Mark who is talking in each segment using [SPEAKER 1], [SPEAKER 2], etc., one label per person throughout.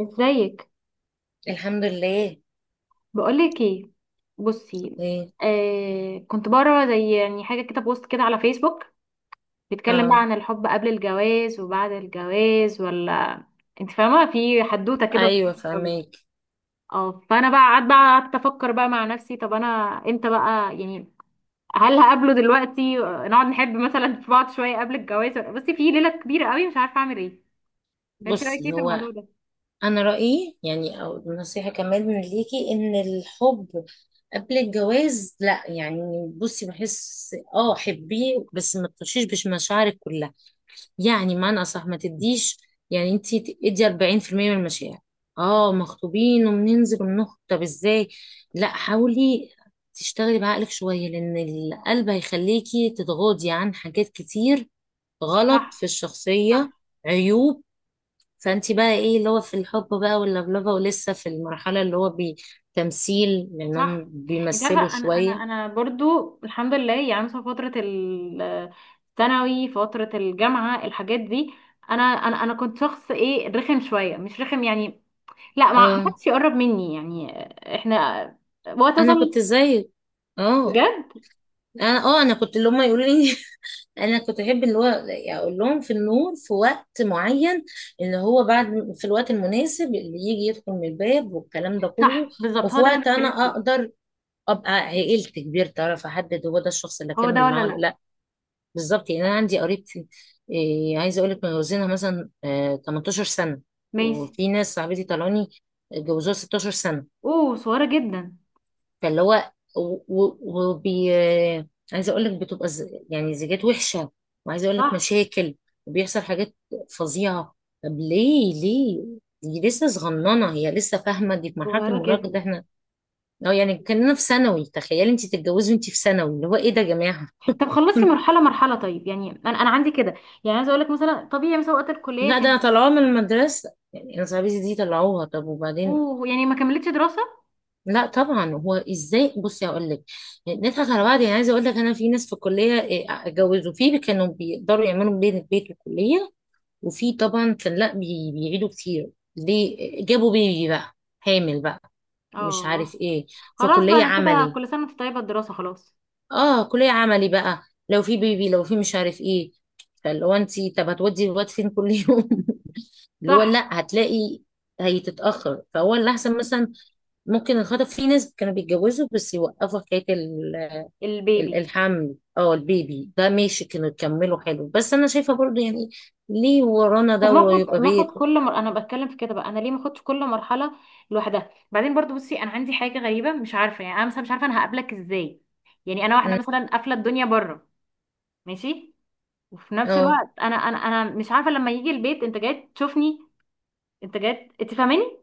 [SPEAKER 1] ازيك؟
[SPEAKER 2] الحمد لله.
[SPEAKER 1] بقولك ايه. بصي،
[SPEAKER 2] ايه.
[SPEAKER 1] كنت بقرا زي يعني حاجه كده، بوست كده على فيسبوك، بيتكلم بقى
[SPEAKER 2] اه.
[SPEAKER 1] عن الحب قبل الجواز وبعد الجواز، ولا انت فاهمه؟ في حدوته كده طويلة
[SPEAKER 2] ايوه،
[SPEAKER 1] أوي.
[SPEAKER 2] فهماك.
[SPEAKER 1] اه فانا بقى قعدت افكر بقى مع نفسي، طب انا امتى بقى يعني؟ هل هقابله دلوقتي، نقعد نحب مثلا في بعض شويه قبل الجواز، بصي، في ليله كبيره قوي، مش عارفه اعمل ايه. فانت رايك ايه
[SPEAKER 2] بصي،
[SPEAKER 1] في
[SPEAKER 2] هو
[SPEAKER 1] الموضوع ده؟
[SPEAKER 2] انا رايي يعني او نصيحه كمان من ليكي ان الحب قبل الجواز لا، يعني بصي بحس حبيه، بس ما تخشيش بش مشاعرك كلها. يعني معنى اصح ما تديش، يعني انت ادي 40% من المشاعر. اه مخطوبين وبننزل وبنخطب؟ طب ازاي؟ لا، حاولي تشتغلي بعقلك شويه، لان القلب هيخليكي تتغاضي عن حاجات كتير غلط في
[SPEAKER 1] صح.
[SPEAKER 2] الشخصية،
[SPEAKER 1] صح.
[SPEAKER 2] عيوب. فانت بقى ايه اللي هو في الحب بقى واللبلبة ولسه في المرحلة اللي هو بتمثيل، لانهم
[SPEAKER 1] صح. انت
[SPEAKER 2] بيمثلوا
[SPEAKER 1] عارفه، انا انا
[SPEAKER 2] شوية.
[SPEAKER 1] انا برضو الحمد لله، يعني مثلا فتره الثانوي، فتره الجامعه، الحاجات دي، انا كنت شخص ايه، رخم شويه، مش رخم يعني، لا ما
[SPEAKER 2] اه،
[SPEAKER 1] حدش يقرب مني يعني. احنا وقت
[SPEAKER 2] انا
[SPEAKER 1] مثلا،
[SPEAKER 2] كنت زيك. اه.
[SPEAKER 1] بجد.
[SPEAKER 2] انا كنت اللي هم يقولوا لي. انا كنت احب اللي هو اقول لهم في النور في وقت معين، اللي هو بعد، في الوقت المناسب اللي يجي يدخل من الباب والكلام ده كله،
[SPEAKER 1] صح، بالظبط،
[SPEAKER 2] وفي
[SPEAKER 1] هو ده اللي انا
[SPEAKER 2] وقت انا
[SPEAKER 1] بتكلم فيه.
[SPEAKER 2] اقدر ابقى عقلت كبير تعرف احدد هو ده الشخص اللي
[SPEAKER 1] هو ده
[SPEAKER 2] اكمل معاه
[SPEAKER 1] ولا
[SPEAKER 2] ولا
[SPEAKER 1] لا؟
[SPEAKER 2] لا. بالظبط. يعني انا عندي قريبتي، إيه، عايزه اقول لك متجوزينها مثلا 18 سنه.
[SPEAKER 1] ماشي.
[SPEAKER 2] وفي ناس صاحبتي طلعوني اتجوزوها 16 سنه.
[SPEAKER 1] اوه، صغيره جدا.
[SPEAKER 2] فاللي هو و- و- وبي آه، عايزه اقول لك بتبقى يعني زيجات وحشه، وعايزه اقول لك
[SPEAKER 1] صح.
[SPEAKER 2] مشاكل، وبيحصل حاجات فظيعه. طب ليه؟ دي لسه صغننه، هي لسه فاهمه، دي في مرحله
[SPEAKER 1] صغيره
[SPEAKER 2] المراهقه، ده
[SPEAKER 1] جدا.
[SPEAKER 2] احنا اه يعني كاننا في ثانوي. تخيلي انت تتجوزي وانت في ثانوي، اللي هو ايه ده يا جماعه.
[SPEAKER 1] طب خلصي مرحله مرحله، طيب يعني انا عندي كده، يعني عايزه اقول لك مثلا طبيعي، مثلا وقت الكليه
[SPEAKER 2] لا ده انا
[SPEAKER 1] كان.
[SPEAKER 2] طلعوها من المدرسة، يعني أنا صاحبتي دي طلعوها. طب وبعدين؟
[SPEAKER 1] اوه، يعني ما كملتش دراسه.
[SPEAKER 2] لا طبعا، هو ازاي؟ بصي هقول لك، نضحك على بعض، يعني عايزه اقول لك انا في ناس في الكليه إيه، اتجوزوا فيه كانوا بيقدروا يعملوا بين البيت والكليه، وفي طبعا كان لا بيعيدوا كتير ليه؟ جابوا بيبي بقى، حامل بقى، مش عارف
[SPEAKER 1] اه
[SPEAKER 2] ايه، في
[SPEAKER 1] خلاص بقى،
[SPEAKER 2] كليه
[SPEAKER 1] انا كده
[SPEAKER 2] عملي.
[SPEAKER 1] كل سنه وانت طيبه، الدراسه خلاص.
[SPEAKER 2] اه كليه عملي بقى، لو في بيبي لو في مش عارف ايه، فاللي هو انت طب هتودي الواد فين كل يوم؟ اللي هو
[SPEAKER 1] صح.
[SPEAKER 2] لا، هتلاقي هيتتأخر، فهو اللي أحسن مثلا ممكن الخطب، في ناس كانوا بيتجوزوا بس يوقفوا حكاية
[SPEAKER 1] البيبي.
[SPEAKER 2] الحمل، اه البيبي ده ماشي كانوا يكملوا حلو. بس أنا شايفة برضو يعني ليه ورانا
[SPEAKER 1] طب
[SPEAKER 2] ده؟
[SPEAKER 1] ما
[SPEAKER 2] ويبقى
[SPEAKER 1] اخد ما اخد
[SPEAKER 2] بيت.
[SPEAKER 1] كل مر... انا بتكلم في كده بقى، انا ليه ما اخدش كل مرحله لوحدها؟ بعدين برضو، بصي انا عندي حاجه غريبه، مش عارفه يعني، انا مثلا مش عارفه انا هقابلك ازاي. يعني انا واحده
[SPEAKER 2] م،
[SPEAKER 1] مثلا قافله الدنيا بره، ماشي، وفي نفس
[SPEAKER 2] اه.
[SPEAKER 1] الوقت انا مش عارفه لما يجي البيت انت جاي تشوفني، انت جاي، انت فاهماني.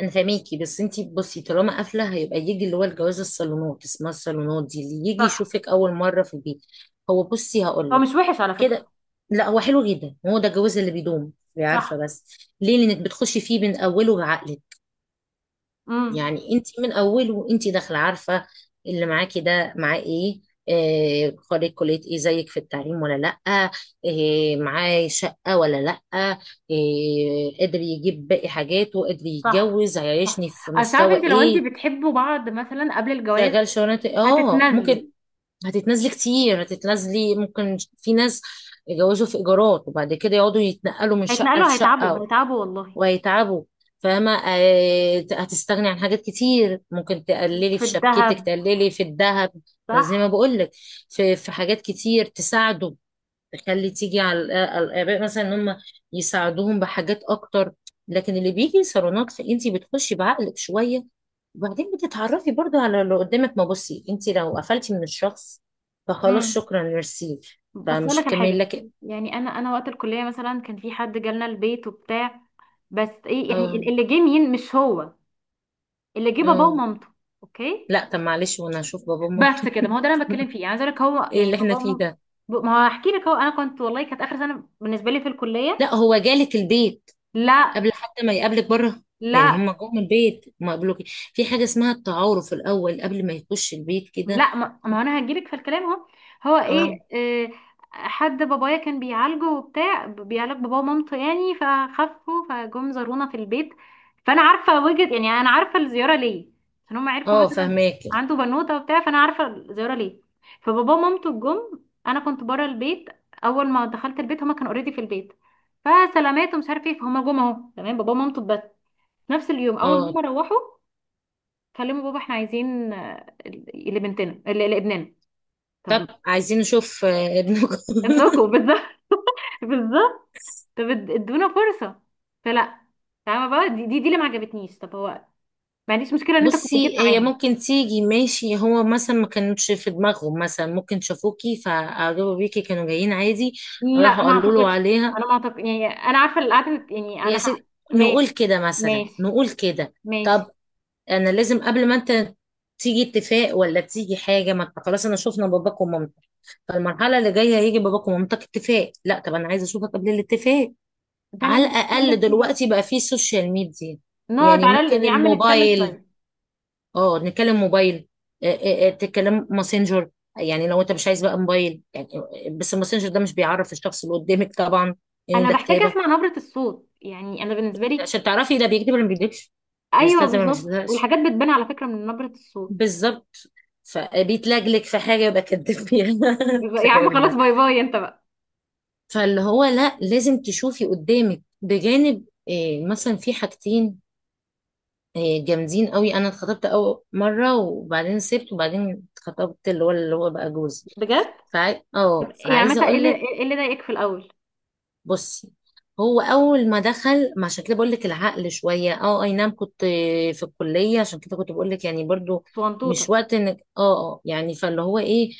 [SPEAKER 2] أنا فاهميكي، بس انتي بصي طالما قافلة هيبقى يجي اللي هو الجواز، الصالونات، اسمها الصالونات دي اللي يجي
[SPEAKER 1] صح.
[SPEAKER 2] يشوفك أول مرة في البيت. هو بصي
[SPEAKER 1] هو
[SPEAKER 2] هقولك
[SPEAKER 1] مش وحش على فكره.
[SPEAKER 2] كده، لا هو حلو جدا، هو ده الجواز اللي بيدوم عارفة،
[SPEAKER 1] صح.
[SPEAKER 2] بس ليه؟ لأنك بتخشي فيه من أوله بعقلك.
[SPEAKER 1] امم.
[SPEAKER 2] يعني انت من اوله وانت داخله عارفه اللي معاكي ده معاه ايه، آه، خريج كليه ايه زيك في التعليم ولا لا، آه، معاه شقه ولا لا، قادر يجيب باقي حاجاته، قادر
[SPEAKER 1] صح.
[SPEAKER 2] يتجوز،
[SPEAKER 1] صح.
[SPEAKER 2] هيعيشني في
[SPEAKER 1] اصل عارفه
[SPEAKER 2] مستوى
[SPEAKER 1] انت، لو انت
[SPEAKER 2] ايه،
[SPEAKER 1] بتحبوا بعض مثلا قبل الجواز
[SPEAKER 2] شغال شغلانه إيه؟ اه
[SPEAKER 1] هتتنازلي.
[SPEAKER 2] ممكن. هتتنازلي كتير، هتتنازلي، ممكن في ناس يتجوزوا في ايجارات وبعد كده يقعدوا يتنقلوا من شقه
[SPEAKER 1] هيتنقلوا، هيتعبوا،
[SPEAKER 2] لشقه،
[SPEAKER 1] هيتعبوا والله.
[SPEAKER 2] وهيتعبوا. فاهمة، آه، هتستغني عن حاجات كتير، ممكن تقللي
[SPEAKER 1] في
[SPEAKER 2] في شبكتك،
[SPEAKER 1] الذهب.
[SPEAKER 2] تقللي في الذهب، زي ما
[SPEAKER 1] صح.
[SPEAKER 2] بقولك، في حاجات كتير تساعده، تخلي تيجي على الآباء مثلا إن هم يساعدوهم بحاجات أكتر. لكن اللي بيجي صالونات فأنت بتخشي بعقلك شوية، وبعدين بتتعرفي برضو على اللي قدامك. ما بصي أنت لو قفلتي من الشخص فخلاص
[SPEAKER 1] امم
[SPEAKER 2] شكرا، ميرسي،
[SPEAKER 1] بس اقول
[SPEAKER 2] فمش
[SPEAKER 1] لك الحاجه،
[SPEAKER 2] هتكملي. لكن
[SPEAKER 1] يعني انا وقت الكليه مثلا، كان في حد جالنا البيت وبتاع، بس ايه يعني،
[SPEAKER 2] اه
[SPEAKER 1] اللي جه مين؟ مش هو اللي جه، باباه
[SPEAKER 2] اه
[SPEAKER 1] ومامته. اوكي.
[SPEAKER 2] لا. طب معلش، وانا هشوف بابا وماما.
[SPEAKER 1] بس كده، ما هو ده اللي انا بتكلم فيه، يعني عايز اقول لك هو
[SPEAKER 2] إيه
[SPEAKER 1] يعني
[SPEAKER 2] اللي احنا
[SPEAKER 1] باباه
[SPEAKER 2] فيه
[SPEAKER 1] ومامته.
[SPEAKER 2] ده؟
[SPEAKER 1] ما هو هحكي لك، هو انا كنت والله، كانت اخر سنه بالنسبه لي في الكليه.
[SPEAKER 2] لا هو جالك البيت
[SPEAKER 1] لا.
[SPEAKER 2] قبل حتى ما يقابلك بره؟ يعني
[SPEAKER 1] لا.
[SPEAKER 2] هم جم البيت ما قابلوك. في حاجة اسمها التعارف الأول قبل ما يخش البيت كده.
[SPEAKER 1] لا. ما انا هجيلك في الكلام اهو. هو ايه،
[SPEAKER 2] اه.
[SPEAKER 1] آه، حد بابايا كان بيعالجه وبتاع، بيعالج بابا ومامته يعني، فخفوا فجم زارونا في البيت. فانا عارفه وجهه يعني، انا عارفه الزياره ليه، عشان هم عرفوا
[SPEAKER 2] اه
[SPEAKER 1] مثلا
[SPEAKER 2] فهماك.
[SPEAKER 1] عنده بنوته وبتاع، فانا عارفه الزياره ليه. فبابا ومامته جم، انا كنت بره البيت، اول ما دخلت البيت هما كانوا اوريدي في البيت، فسلامات ومش عارف ايه، فهما جم اهو تمام، بابا ومامته بس. نفس اليوم اول ما
[SPEAKER 2] اه.
[SPEAKER 1] هما روحوا، كلموا بابا، احنا عايزين لبنتنا لابننا.
[SPEAKER 2] طب
[SPEAKER 1] طب
[SPEAKER 2] عايزين نشوف ابنكم.
[SPEAKER 1] ابنكم بالظبط. بالظبط. طب ادونا فرصة. فلا. فاهمة بقى، دي اللي ما عجبتنيش. طب هو، ما عنديش مشكلة ان انت كنت جيت
[SPEAKER 2] بصي، هي
[SPEAKER 1] معاهم.
[SPEAKER 2] ممكن تيجي، ماشي، هو مثلا ما كانتش في دماغهم، مثلا ممكن شافوكي فأعجبوا بيكي كانوا جايين عادي،
[SPEAKER 1] لا
[SPEAKER 2] راحوا
[SPEAKER 1] ما
[SPEAKER 2] قالوا له
[SPEAKER 1] اعتقدش،
[SPEAKER 2] عليها
[SPEAKER 1] انا ما اعتقد يعني، انا عارفة اللي قعدت يعني، انا
[SPEAKER 2] يا
[SPEAKER 1] ح...
[SPEAKER 2] ست. نقول
[SPEAKER 1] ماشي.
[SPEAKER 2] كده مثلا،
[SPEAKER 1] ماشي.
[SPEAKER 2] نقول كده. طب
[SPEAKER 1] ماشي.
[SPEAKER 2] انا لازم قبل ما انت تيجي اتفاق ولا تيجي حاجه، ما انت خلاص انا شفنا باباك ومامتك، فالمرحله اللي جايه هيجي باباك ومامتك اتفاق. لا طب انا عايزه اشوفك قبل الاتفاق،
[SPEAKER 1] ده اللي
[SPEAKER 2] على
[SPEAKER 1] انا
[SPEAKER 2] الاقل
[SPEAKER 1] بتكلم فيه بقى.
[SPEAKER 2] دلوقتي بقى في سوشيال ميديا،
[SPEAKER 1] نقعد
[SPEAKER 2] يعني
[SPEAKER 1] على
[SPEAKER 2] ممكن
[SPEAKER 1] ال... يا عم نتكلم
[SPEAKER 2] الموبايل.
[SPEAKER 1] شوية.
[SPEAKER 2] اه، نتكلم موبايل، تتكلم ماسنجر، يعني لو انت مش عايز بقى موبايل يعني، بس الماسنجر ده مش بيعرف الشخص اللي قدامك طبعا، ان
[SPEAKER 1] انا
[SPEAKER 2] ده
[SPEAKER 1] بحتاج
[SPEAKER 2] كتابه.
[SPEAKER 1] اسمع نبرة الصوت، يعني انا بالنسبة لي،
[SPEAKER 2] عشان تعرفي ده بيكتب ولا ما بيكتبش،
[SPEAKER 1] ايوه
[SPEAKER 2] بيستخدم ولا ما
[SPEAKER 1] بالظبط،
[SPEAKER 2] بيستخدمش،
[SPEAKER 1] والحاجات بتبان على فكرة من نبرة الصوت.
[SPEAKER 2] بالظبط، فبيتلجلج في حاجة يبقى كدب فيها.
[SPEAKER 1] يا عم
[SPEAKER 2] الكلام
[SPEAKER 1] خلاص،
[SPEAKER 2] ده،
[SPEAKER 1] باي باي انت بقى.
[SPEAKER 2] فاللي هو لا لازم تشوفي قدامك. بجانب إيه؟ مثلا في حاجتين إيه جامدين قوي، انا اتخطبت اول مرة وبعدين سبت وبعدين اتخطبت اللي هو بقى جوزي.
[SPEAKER 1] بجد؟
[SPEAKER 2] فع...
[SPEAKER 1] طب
[SPEAKER 2] اه
[SPEAKER 1] يعني
[SPEAKER 2] فعايزة
[SPEAKER 1] مثلا ايه
[SPEAKER 2] اقول
[SPEAKER 1] اللي
[SPEAKER 2] لك
[SPEAKER 1] إيه اللي ضايقك في الاول؟
[SPEAKER 2] بصي، هو اول ما دخل، ما عشان كده بقول لك العقل شويه، اي نعم كنت في الكليه، عشان كده كنت بقول لك يعني برضو
[SPEAKER 1] صغنطوطة.
[SPEAKER 2] مش وقت انك يعني، فاللي هو ايه،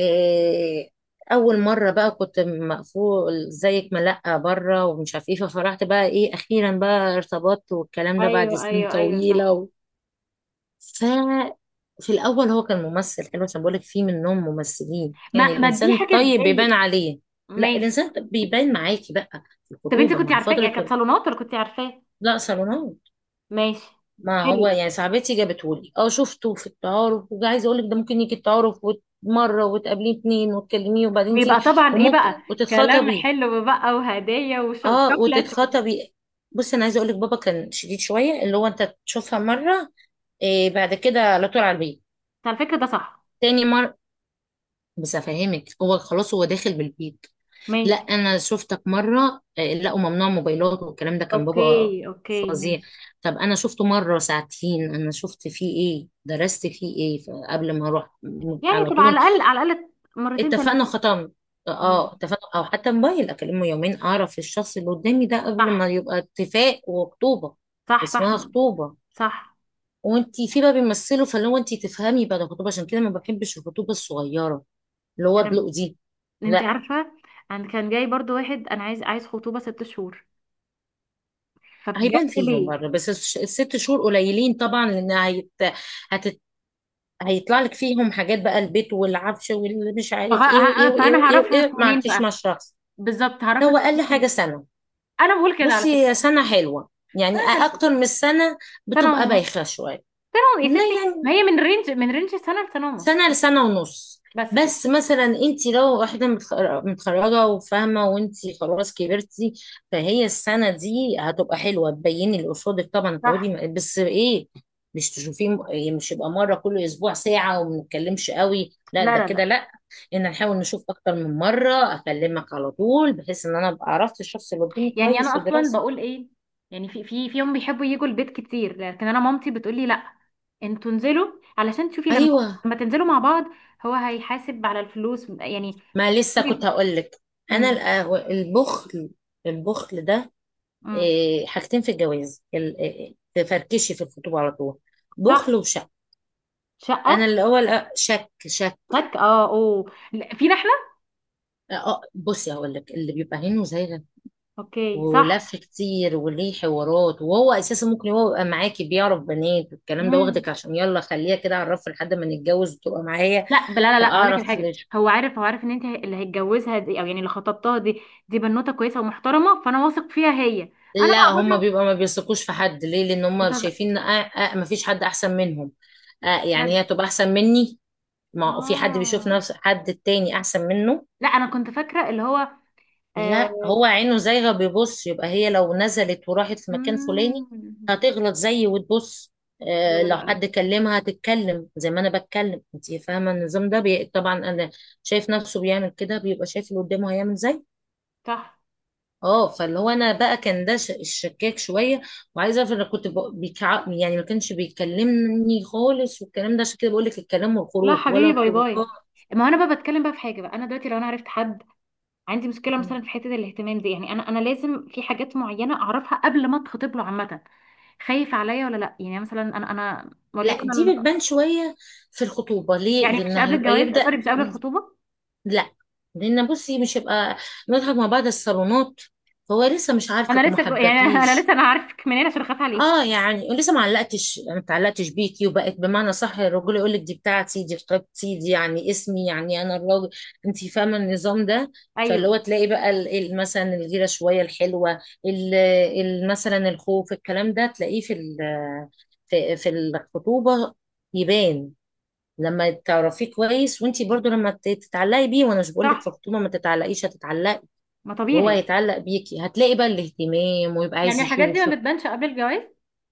[SPEAKER 2] آه، اول مره بقى كنت مقفول زيك، ملقه بره ومش عارف ايه، ففرحت بقى ايه اخيرا بقى ارتبطت، والكلام ده بعد
[SPEAKER 1] ايوه.
[SPEAKER 2] سنين
[SPEAKER 1] ايوه. ايوه. صح.
[SPEAKER 2] طويله. ف في الاول هو كان ممثل حلو، عشان بقول لك في منهم ممثلين، يعني
[SPEAKER 1] ما دي
[SPEAKER 2] الانسان
[SPEAKER 1] حاجة
[SPEAKER 2] طيب بيبان
[SPEAKER 1] تضايق.
[SPEAKER 2] عليه. لا،
[SPEAKER 1] ماشي.
[SPEAKER 2] الانسان طب بيبان معاكي بقى في
[SPEAKER 1] طب انت
[SPEAKER 2] الخطوبه
[SPEAKER 1] كنت
[SPEAKER 2] مع
[SPEAKER 1] عارفاه،
[SPEAKER 2] فتره
[SPEAKER 1] يعني كانت صالونات ولا كنت عارفاه؟
[SPEAKER 2] لا، صالونات.
[SPEAKER 1] ماشي.
[SPEAKER 2] ما
[SPEAKER 1] حلو
[SPEAKER 2] هو
[SPEAKER 1] ده،
[SPEAKER 2] يعني صاحبتي جابته لي، اه شفته في التعارف، وعايزه اقول لك ده ممكن يجي التعارف مره، وتقابليه اتنين، وتكلميه، وبعدين
[SPEAKER 1] ويبقى
[SPEAKER 2] تيجي
[SPEAKER 1] طبعا ايه
[SPEAKER 2] وممكن
[SPEAKER 1] بقى، كلام
[SPEAKER 2] وتتخطبي.
[SPEAKER 1] حلو بقى وهدية
[SPEAKER 2] اه
[SPEAKER 1] وشوكليت و...
[SPEAKER 2] وتتخطبي. بص، انا عايزه اقول لك بابا كان شديد شويه، اللي هو انت تشوفها مره إيه بعد كده على طول على البيت.
[SPEAKER 1] على فكرة ده صح.
[SPEAKER 2] تاني مرة بس افهمك هو خلاص هو داخل بالبيت. لا،
[SPEAKER 1] ماشي.
[SPEAKER 2] انا شفتك مره، آه، لقوا ممنوع موبايلات والكلام ده، كان بابا
[SPEAKER 1] اوكي. اوكي.
[SPEAKER 2] فظيع.
[SPEAKER 1] ماشي.
[SPEAKER 2] طب انا شفته مره ساعتين، انا شفت فيه ايه درست فيه ايه قبل ما اروح
[SPEAKER 1] يعني
[SPEAKER 2] على
[SPEAKER 1] تبقى
[SPEAKER 2] طول
[SPEAKER 1] على الاقل، على الاقل مرتين
[SPEAKER 2] اتفقنا،
[SPEAKER 1] ثلاثة.
[SPEAKER 2] ختمت.
[SPEAKER 1] مم.
[SPEAKER 2] اه، اتفقنا، او حتى موبايل اكلمه يومين اعرف الشخص اللي قدامي ده قبل
[SPEAKER 1] صح.
[SPEAKER 2] ما يبقى اتفاق وخطوبه.
[SPEAKER 1] صح. صح.
[SPEAKER 2] اسمها خطوبه،
[SPEAKER 1] صح.
[SPEAKER 2] وانتي في بقى بيمثله، فلو انتي تفهمي بقى ده خطوبه، عشان كده ما بحبش الخطوبه الصغيره اللي هو
[SPEAKER 1] انا،
[SPEAKER 2] ادلق دي.
[SPEAKER 1] انت
[SPEAKER 2] لا
[SPEAKER 1] عارفه انا كان جاي برضو واحد، انا عايز خطوبه 6 شهور.
[SPEAKER 2] هيبان
[SPEAKER 1] فبجد؟
[SPEAKER 2] فيهم
[SPEAKER 1] ليه؟
[SPEAKER 2] بره، بس الست شهور قليلين طبعا، لان هتت... هيطلع لك فيهم حاجات بقى البيت والعفش واللي مش عارف ايه وايه وايه
[SPEAKER 1] فانا
[SPEAKER 2] وايه
[SPEAKER 1] هعرفك
[SPEAKER 2] وايه، ما
[SPEAKER 1] منين
[SPEAKER 2] عدتيش
[SPEAKER 1] بقى؟
[SPEAKER 2] مع الشخص.
[SPEAKER 1] بالظبط هعرفك
[SPEAKER 2] هو اقل حاجه
[SPEAKER 1] منين.
[SPEAKER 2] سنه.
[SPEAKER 1] انا بقول كده على
[SPEAKER 2] بصي هي
[SPEAKER 1] فكره.
[SPEAKER 2] سنه حلوه، يعني
[SPEAKER 1] انا زي كده
[SPEAKER 2] اكتر من السنه
[SPEAKER 1] سنه
[SPEAKER 2] بتبقى
[SPEAKER 1] ونص.
[SPEAKER 2] بايخه شويه.
[SPEAKER 1] يا
[SPEAKER 2] لا
[SPEAKER 1] ستي ما
[SPEAKER 2] يعني
[SPEAKER 1] هي من رينج سنه لسنه ونص.
[SPEAKER 2] سنة لسنة ونص.
[SPEAKER 1] بس كده.
[SPEAKER 2] بس مثلا انت لو واحدة متخرجة وفاهمة وانت خلاص كبرتي، فهي السنة دي هتبقى حلوة تبيني اللي قصادك طبعا. تقعدي
[SPEAKER 1] صح.
[SPEAKER 2] بس ايه، مش تشوفيه يعني مش يبقى مرة كل اسبوع ساعة وما نتكلمش قوي، لا
[SPEAKER 1] لا.
[SPEAKER 2] ده
[SPEAKER 1] لا.
[SPEAKER 2] كده
[SPEAKER 1] لا.
[SPEAKER 2] لا. ان نحاول نشوف اكتر من مرة، اكلمك على طول بحيث ان انا ابقى عرفت الشخص اللي قدامي
[SPEAKER 1] يعني انا
[SPEAKER 2] كويس
[SPEAKER 1] اصلا
[SPEAKER 2] ودراسته.
[SPEAKER 1] بقول ايه؟ يعني في فيهم بيحبوا يجوا البيت كتير، لكن انا مامتي بتقول لي لا، انتوا انزلوا علشان تشوفي لما
[SPEAKER 2] ايوه.
[SPEAKER 1] لما تنزلوا مع بعض، هو هيحاسب على الفلوس يعني.
[SPEAKER 2] ما لسه كنت هقول لك، انا
[SPEAKER 1] امم.
[SPEAKER 2] البخل. البخل ده
[SPEAKER 1] امم.
[SPEAKER 2] إيه، حاجتين في الجواز إيه، تفركشي في الخطوبة على طول،
[SPEAKER 1] صح.
[SPEAKER 2] بخل وشك.
[SPEAKER 1] شقه.
[SPEAKER 2] انا الاول شك، شك.
[SPEAKER 1] لك اه اوه لا، فينا احنا.
[SPEAKER 2] بصي هقول لك اللي بيبقى هنا وزايغه
[SPEAKER 1] اوكي.
[SPEAKER 2] ولف
[SPEAKER 1] صح.
[SPEAKER 2] كتير وليه حوارات، وهو اساسا ممكن هو يبقى معاكي بيعرف بنات والكلام ده،
[SPEAKER 1] مم.
[SPEAKER 2] واخدك عشان يلا خليها كده اعرف لحد ما نتجوز وتبقى معايا.
[SPEAKER 1] لا. لا. لا. لا. هقول لك
[SPEAKER 2] فاعرف
[SPEAKER 1] الحاجه،
[SPEAKER 2] ليش؟
[SPEAKER 1] هو عارف، هو عارف ان انت اللي هيتجوزها دي، او يعني اللي خطبتها دي، دي بنوته كويسه ومحترمه، فانا واثق فيها هي. انا بقى
[SPEAKER 2] لا هما
[SPEAKER 1] بقى
[SPEAKER 2] بيبقى ما بيثقوش في حد، ليه؟ لان هما
[SPEAKER 1] بتهزر؟
[SPEAKER 2] شايفين ما فيش حد احسن منهم. آه، يعني
[SPEAKER 1] بجد.
[SPEAKER 2] هي تبقى احسن مني؟ ما هو في حد بيشوف
[SPEAKER 1] اه
[SPEAKER 2] نفس حد التاني احسن منه.
[SPEAKER 1] لا، انا كنت فاكره اللي هو
[SPEAKER 2] لا،
[SPEAKER 1] آه...
[SPEAKER 2] هو عينه زايغة، بيبص، يبقى هي لو نزلت وراحت في مكان فلاني
[SPEAKER 1] مم.
[SPEAKER 2] هتغلط زيي وتبص،
[SPEAKER 1] لا.
[SPEAKER 2] آه،
[SPEAKER 1] لا.
[SPEAKER 2] لو
[SPEAKER 1] لا. لا.
[SPEAKER 2] حد كلمها هتتكلم زي ما انا بتكلم، انت فاهمة النظام ده طبعا انا شايف نفسه بيعمل كده، بيبقى شايف اللي قدامه هيعمل زي.
[SPEAKER 1] صح.
[SPEAKER 2] اه، فاللي هو انا بقى كان ده الشكاك شوية، وعايزة اعرف انا كنت يعني ما كانش بيكلمني خالص والكلام ده، عشان كده بقول لك الكلام
[SPEAKER 1] لا
[SPEAKER 2] والخروج ولا
[SPEAKER 1] حبيبي، باي
[SPEAKER 2] الخروجات.
[SPEAKER 1] باي. ما انا بقى بتكلم بقى في حاجه بقى، انا دلوقتي لو انا عرفت حد، عندي مشكله مثلا في حته الاهتمام دي، يعني انا لازم في حاجات معينه اعرفها قبل ما اتخطب له. عامه خايف عليا ولا لا، يعني مثلا انا
[SPEAKER 2] لا
[SPEAKER 1] وليكن،
[SPEAKER 2] دي بتبان شوية في الخطوبة. ليه؟
[SPEAKER 1] يعني
[SPEAKER 2] لان
[SPEAKER 1] مش قبل
[SPEAKER 2] هيبقى
[SPEAKER 1] الجواز،
[SPEAKER 2] يبدأ،
[SPEAKER 1] سوري مش قبل الخطوبة.
[SPEAKER 2] لا لان بصي مش هيبقى نضحك مع بعض الصالونات، فهو لسه مش عارفك
[SPEAKER 1] انا
[SPEAKER 2] وما
[SPEAKER 1] لسه جو... يعني انا
[SPEAKER 2] حبكيش.
[SPEAKER 1] لسه انا عارفك منين عشان اخاف
[SPEAKER 2] اه،
[SPEAKER 1] عليكي.
[SPEAKER 2] يعني لسه ما اتعلقتش بيكي وبقت بمعنى صح الرجل يقول لك دي بتاعتي، دي خطيبتي دي، يعني اسمي يعني انا الراجل. انت فاهمه النظام ده، فاللي هو
[SPEAKER 1] ايوه.
[SPEAKER 2] تلاقي بقى مثلا الغيره شويه الحلوه، ال- مثلا الخوف، الكلام ده تلاقيه في في الخطوبه، يبان لما تعرفيه كويس وانتي برضو لما تتعلقي بيه، وانا مش بقولك في
[SPEAKER 1] صح.
[SPEAKER 2] الخطوبه ما تتعلقيش، هتتعلقي
[SPEAKER 1] ما
[SPEAKER 2] وهو
[SPEAKER 1] طبيعي.
[SPEAKER 2] هيتعلق بيكي، هتلاقي بقى الاهتمام ويبقى
[SPEAKER 1] يعني
[SPEAKER 2] عايز
[SPEAKER 1] الحاجات دي ما
[SPEAKER 2] يشوفك.
[SPEAKER 1] بتبانش قبل الجواز،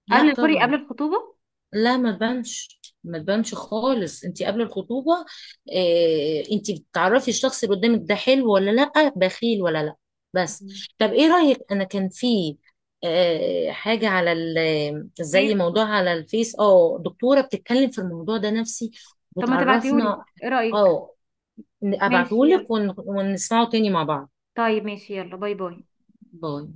[SPEAKER 2] لا
[SPEAKER 1] قبل، سوري، قبل
[SPEAKER 2] طبعا.
[SPEAKER 1] الخطوبة.
[SPEAKER 2] لا ما تبانش ما تبانش خالص، انتي قبل الخطوبه اه انتي بتعرفي الشخص اللي قدامك ده حلو ولا لا، بخيل ولا لا، بس.
[SPEAKER 1] مم.
[SPEAKER 2] طب ايه رايك؟ انا كان في اه حاجه على زي
[SPEAKER 1] ماشي.
[SPEAKER 2] موضوع على الفيس، دكتوره بتتكلم في الموضوع ده نفسي
[SPEAKER 1] طب ما تبعتيهولي،
[SPEAKER 2] وتعرفنا.
[SPEAKER 1] ايه رأيك؟
[SPEAKER 2] اه،
[SPEAKER 1] ماشي
[SPEAKER 2] ابعتهولك
[SPEAKER 1] يلا.
[SPEAKER 2] ونسمعه تاني مع بعض.
[SPEAKER 1] طيب ماشي يلا، باي باي.
[SPEAKER 2] باي.